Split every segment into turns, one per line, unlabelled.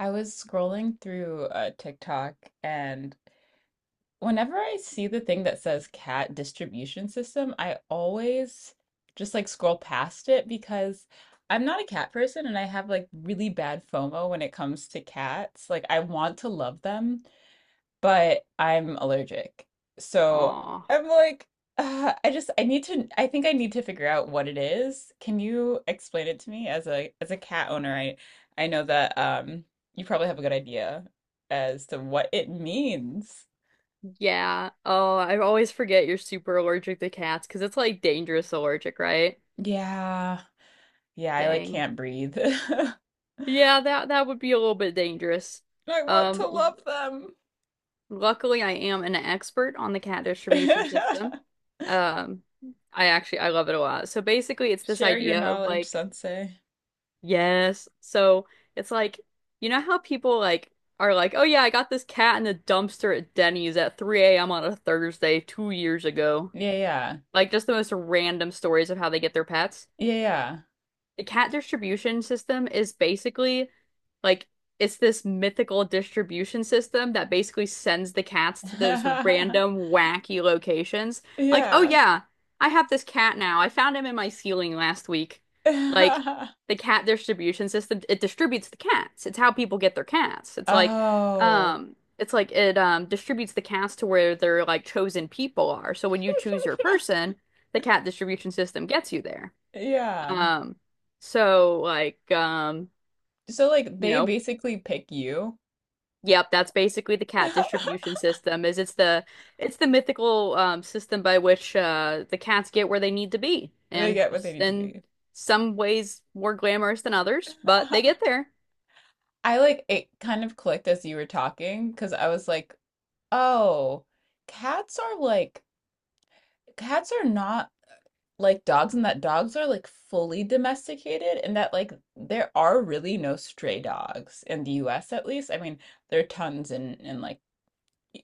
I was scrolling through TikTok, and whenever I see the thing that says cat distribution system, I always just like scroll past it because I'm not a cat person and I have like really bad FOMO when it comes to cats. Like, I want to love them, but I'm allergic. So
Aw.
I'm like, I just I think I need to figure out what it is. Can you explain it to me as a cat owner? I know that you probably have a good idea as to what it means.
Yeah. Oh, I always forget you're super allergic to cats because it's like dangerous allergic, right?
Yeah. Yeah, I like
Dang.
can't breathe. I
Yeah, that would be a little bit dangerous.
want to
Um,
love them.
Luckily I am an expert on the cat distribution system. Um, I actually I love it a lot. So basically it's this
Share your
idea of
knowledge,
like,
sensei.
yes. So it's like, you know how people like are like, oh yeah, I got this cat in the dumpster at Denny's at 3 a.m. on a Thursday 2 years ago.
Yeah, yeah.
Like just the most random stories of how they get their pets.
Yeah,
The cat distribution system is basically like it's this mythical distribution system that basically sends the cats to those
yeah.
random wacky locations. Like, oh
Yeah.
yeah, I have this cat now. I found him in my ceiling last week. Like the cat distribution system, it distributes the cats. It's how people get their cats.
Oh.
It's like it distributes the cats to where their like chosen people are. So when you choose your person, the cat distribution system gets you there.
Yeah.
Um, so like um,
So like
you
they
know,
basically pick you.
yep, that's basically the cat distribution system is it's the mythical system by which the cats get where they need to be
They
and
get what they need to
in
be.
some ways more glamorous than others, but they get there.
I like it kind of clicked as you were talking because I was like, oh, cats are like cats are not like dogs, and that dogs are like fully domesticated, and that like there are really no stray dogs in the US at least. I mean, there are tons in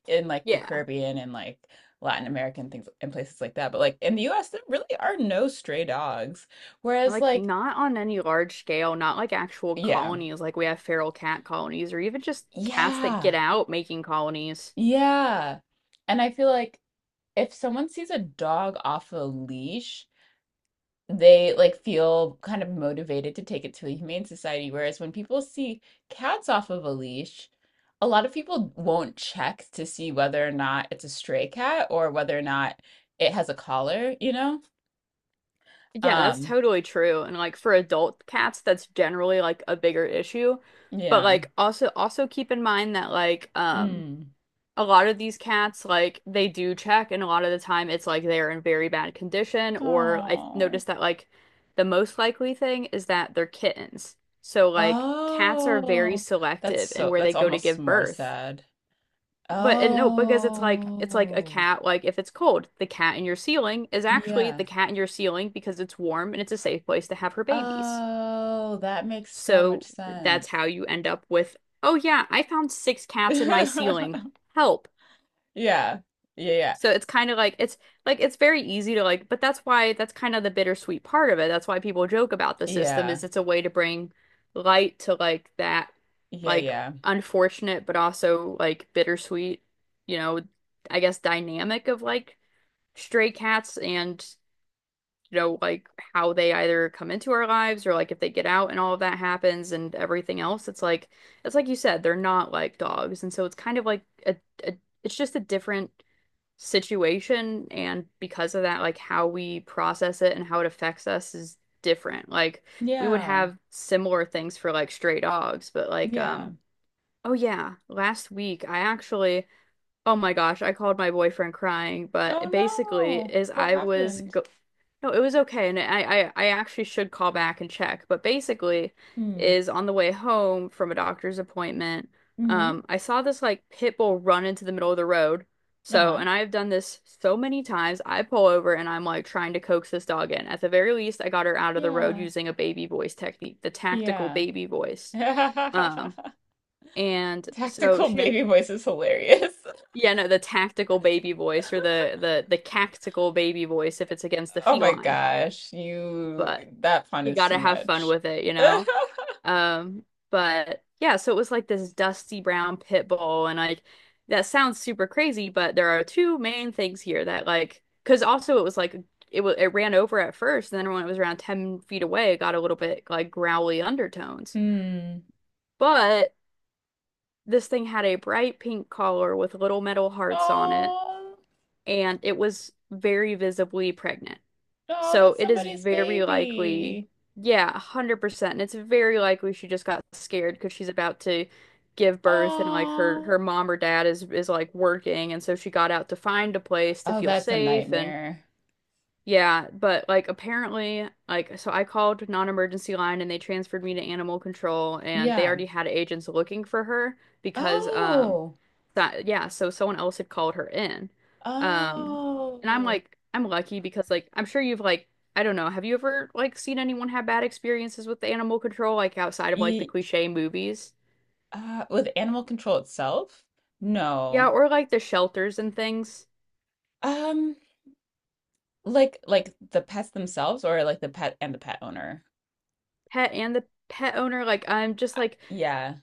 in like the
Yeah.
Caribbean and like Latin American things and places like that. But like in the US, there really are no stray dogs. Whereas
Like
like,
not on any large scale, not like actual
yeah,
colonies like we have feral cat colonies or even just cats that get
yeah,
out making colonies.
yeah. And I feel like if someone sees a dog off a leash, they like feel kind of motivated to take it to a humane society. Whereas when people see cats off of a leash, a lot of people won't check to see whether or not it's a stray cat or whether or not it has a collar, you know?
Yeah, that's
Um,
totally true. And like for adult cats, that's generally like a bigger issue. But
yeah.
like also keep in mind that like
Mm.
a lot of these cats like they do check and a lot of the time it's like they're in very bad condition or I
Oh.
noticed that like the most likely thing is that they're kittens. So like cats are very
Oh, that's
selective in
so
where they
that's
go to
almost
give
more
birth.
sad.
But and no, because it's like a
Oh,
cat, like if it's cold, the cat in your ceiling is actually the
yeah.
cat in your ceiling because it's warm and it's a safe place to have her babies.
Oh, that makes so much
So
sense.
that's how you end up with, oh yeah, I found six cats in my ceiling. Help.
Yeah. Yeah, yeah.
So it's kind of like it's very easy to like, but that's why that's kind of the bittersweet part of it. That's why people joke about the system
Yeah.
is it's a way to bring light to like that
Yeah,
like
yeah.
unfortunate but also like bittersweet, you know, I guess dynamic of like stray cats and you know like how they either come into our lives or like if they get out and all of that happens and everything else. It's like you said, they're not like dogs. And so it's kind of like a, a it's just a different situation and because of that like how we process it and how it affects us is different like we would
Yeah.
have similar things for like stray dogs but like
Yeah.
oh yeah last week I actually oh my gosh, I called my boyfriend crying, but
Oh
basically
no.
is
What
I was
happened?
go no, it was okay and I actually should call back and check, but basically
Hmm.
is on the way home from a doctor's appointment,
Mm-hmm.
I saw this like pit bull run into the middle of the road. So,
Uh-huh.
and I have done this so many times. I pull over and I'm like trying to coax this dog in. At the very least, I got her out of the road
Yeah.
using a baby voice technique, the tactical
Yeah.
baby voice. Um, and so
Tactical
she
baby voice is hilarious.
yeah, no, the tactical baby voice or the cactical baby voice if it's against the
Oh my
feline.
gosh, you
But
that fun
you
is
gotta
too
have fun
much.
with it, you know? But yeah, so it was like this dusty brown pit bull and like that sounds super crazy, but there are two main things here that like because also it was like it was it ran over at first and then when it was around 10 feet away, it got a little bit like growly undertones.
Mm.
But this thing had a bright pink collar with little metal hearts on it
Oh,
and it was very visibly pregnant.
no,
So
that's
it is
somebody's
very likely,
baby.
yeah, 100%. And it's very likely she just got scared because she's about to give birth and like her
Oh,
mom or dad is like working and so she got out to find a place to
oh,
feel
that's a
safe and
nightmare.
yeah, but like apparently, like so I called non-emergency line and they transferred me to animal control and they
Yeah.
already had agents looking for her because
Oh,
that yeah, so someone else had called her in. Um and I'm
oh,
like I'm lucky because like I'm sure you've like I don't know, have you ever like seen anyone have bad experiences with animal control like outside of like the
Ye
cliche movies?
with animal control itself?
Yeah,
No.
or like the shelters and things.
Um, like the pets themselves, or like the pet and the pet owner.
Pet and the pet owner like I'm just
Uh,
like
Yeah,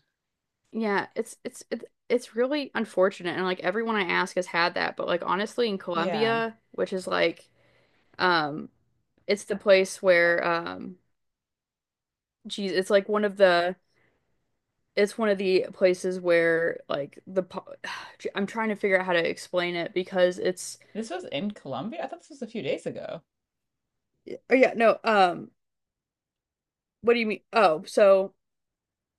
yeah, it's really unfortunate and like everyone I ask has had that, but like honestly in
yeah.
Colombia, which is like um it's the place where geez, it's like one of the it's one of the places where like the po- I'm trying to figure out how to explain it because it's
This was in Colombia. I thought this was a few days ago.
oh yeah, no, what do you mean? Oh, so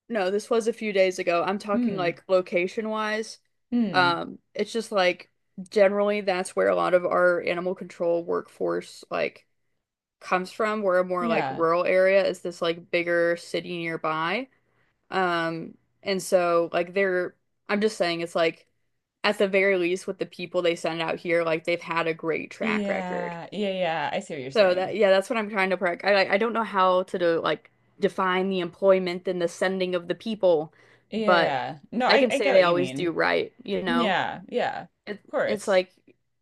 no, this was a few days ago. I'm talking
Hmm.
like location wise.
Hmm.
It's just like generally that's where a lot of our animal control workforce like comes from. We're a more like
Yeah.
rural area is this like bigger city nearby. Um, and so like they're I'm just saying it's like at the very least with the people they send out here, like they've had a great track record.
Yeah. Yeah. Yeah. I see what you're
So that
saying.
yeah, that's what I'm trying to practice. I don't know how to do, like define the employment and the sending of the people, but
Yeah. No,
I can
I
say
get
they
what you
always do
mean.
right, you know.
Yeah. Yeah. Of
It it's
course.
like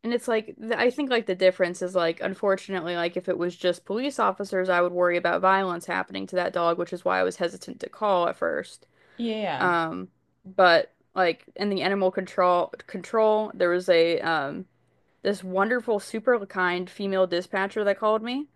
and it's like th- I think like the difference is like unfortunately like if it was just police officers, I would worry about violence happening to that dog, which is why I was hesitant to call at first.
Yeah.
Um, but like in the animal control, there was a this wonderful super kind female dispatcher that called me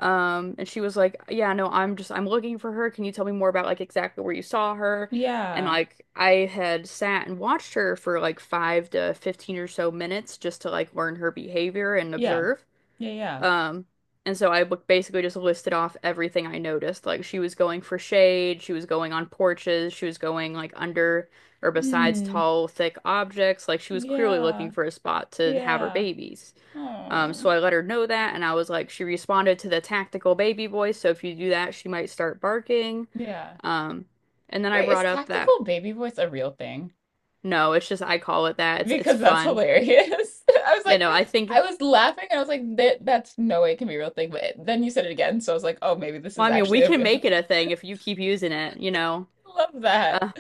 and she was like, "Yeah, no, I'm looking for her. Can you tell me more about like exactly where you saw her?" And
Yeah.
like I had sat and watched her for like five to 15 or so minutes just to like learn her behavior and
Yeah.
observe.
Yeah. Yeah.
Um, and so I basically just listed off everything I noticed. Like she was going for shade, she was going on porches, she was going like under or besides
Hmm.
tall, thick objects. Like she was clearly
Yeah.
looking for a spot to have her
Yeah.
babies.
Oh.
So I let her know that, and I was like, she responded to the tactical baby voice. So if you do that, she might start barking.
Yeah.
Um, and then I
Wait, is
brought up that
tactical baby voice a real thing?
no, it's just I call it that. It's
Because that's
fun.
hilarious. I was
You
like,
know, I
I
think.
was laughing and I was like, that's no way it can be a real thing. But then you said it again, so I was like, oh, maybe this
Well,
is
I mean, we
actually a
can
real.
make it a thing if you keep using it. You know.
Love that.
Uh,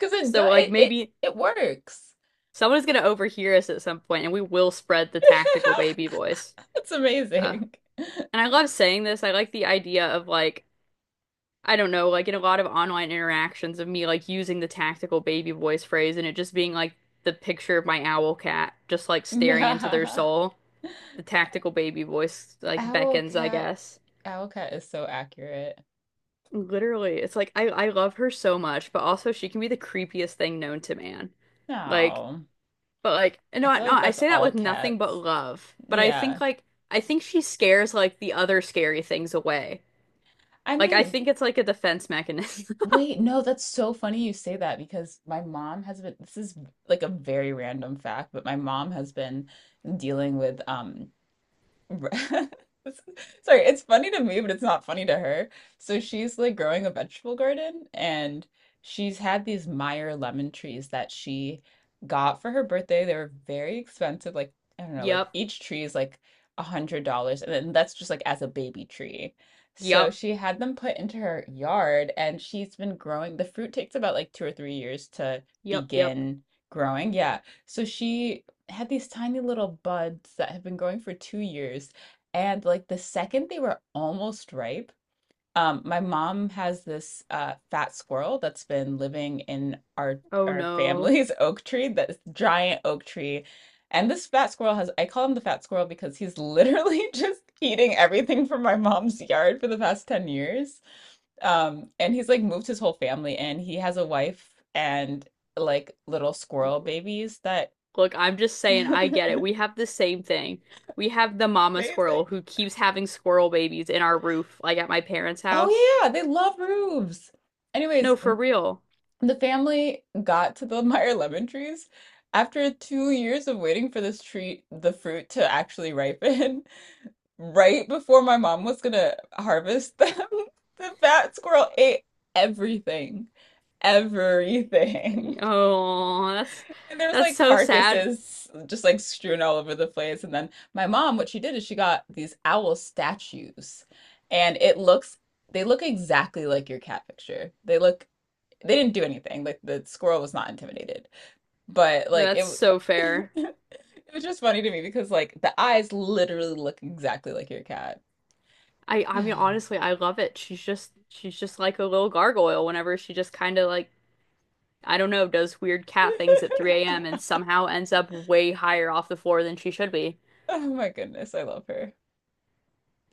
Because it
So
does
like
it
maybe
it works.
someone's gonna overhear us at some point and we will spread the tactical baby voice.
It's
Uh,
amazing.
and I love saying this. I like the idea of like I don't know, like in a lot of online interactions of me like using the tactical baby voice phrase and it just being like the picture of my owl cat just like staring into their
Yeah.
soul. The tactical baby voice like
owl
beckons, I
cat.
guess.
Owl cat is so accurate.
Literally, it's like I love her so much, but also she can be the creepiest thing known to man. Like
No.
but like,
I
no,
feel
no,
like
I
that's
say that
all
with nothing but
cats.
love. But I
Yeah.
think like I think she scares like the other scary things away.
I
Like I
mean,
think it's like a defense mechanism.
wait, no, that's so funny you say that because my mom has been this is like a very random fact, but my mom has been dealing with Ri- Sorry, it's funny to me, but it's not funny to her. So she's like growing a vegetable garden, and she's had these Meyer lemon trees that she got for her birthday. They were very expensive, like I don't know, like
Yep,
each tree is like $100, and then that's just like as a baby tree. So
yep,
she had them put into her yard, and she's been growing. The fruit takes about like 2 or 3 years to
yep.
begin growing. Yeah. So she had these tiny little buds that have been growing for 2 years. And like the second they were almost ripe, my mom has this fat squirrel that's been living in
Oh
our
no.
family's oak tree, this giant oak tree. And this fat squirrel has, I call him the fat squirrel because he's literally just eating everything from my mom's yard for the past 10 years. And he's like moved his whole family in. He has a wife and like little squirrel babies that
Look, I'm just saying I get it. We have the same thing. We have the mama
amazing.
squirrel who keeps having squirrel babies in our roof, like at my parents' house.
Oh yeah, they love roofs. Anyways,
No, for real.
the family got to the Meyer lemon trees after 2 years of waiting for this tree, the fruit to actually ripen. Right before my mom was gonna harvest them, the fat squirrel ate everything.
I-
Everything.
Oh, that's
And there was
that's
like
so sad.
carcasses just like strewn all over the place. And then my mom, what she did is she got these owl statues. And it looks, they look exactly like your cat picture. They look, they didn't do anything. Like the squirrel was not intimidated. But
No,
like
that's
it,
so fair.
it was just funny to me because like the eyes literally look exactly like your cat.
I mean honestly, I love it. She's just like a little gargoyle whenever she just kind of like I don't know, does weird cat things at 3 a.m. and somehow ends up way higher off the floor than she should be.
Oh my goodness, I love her.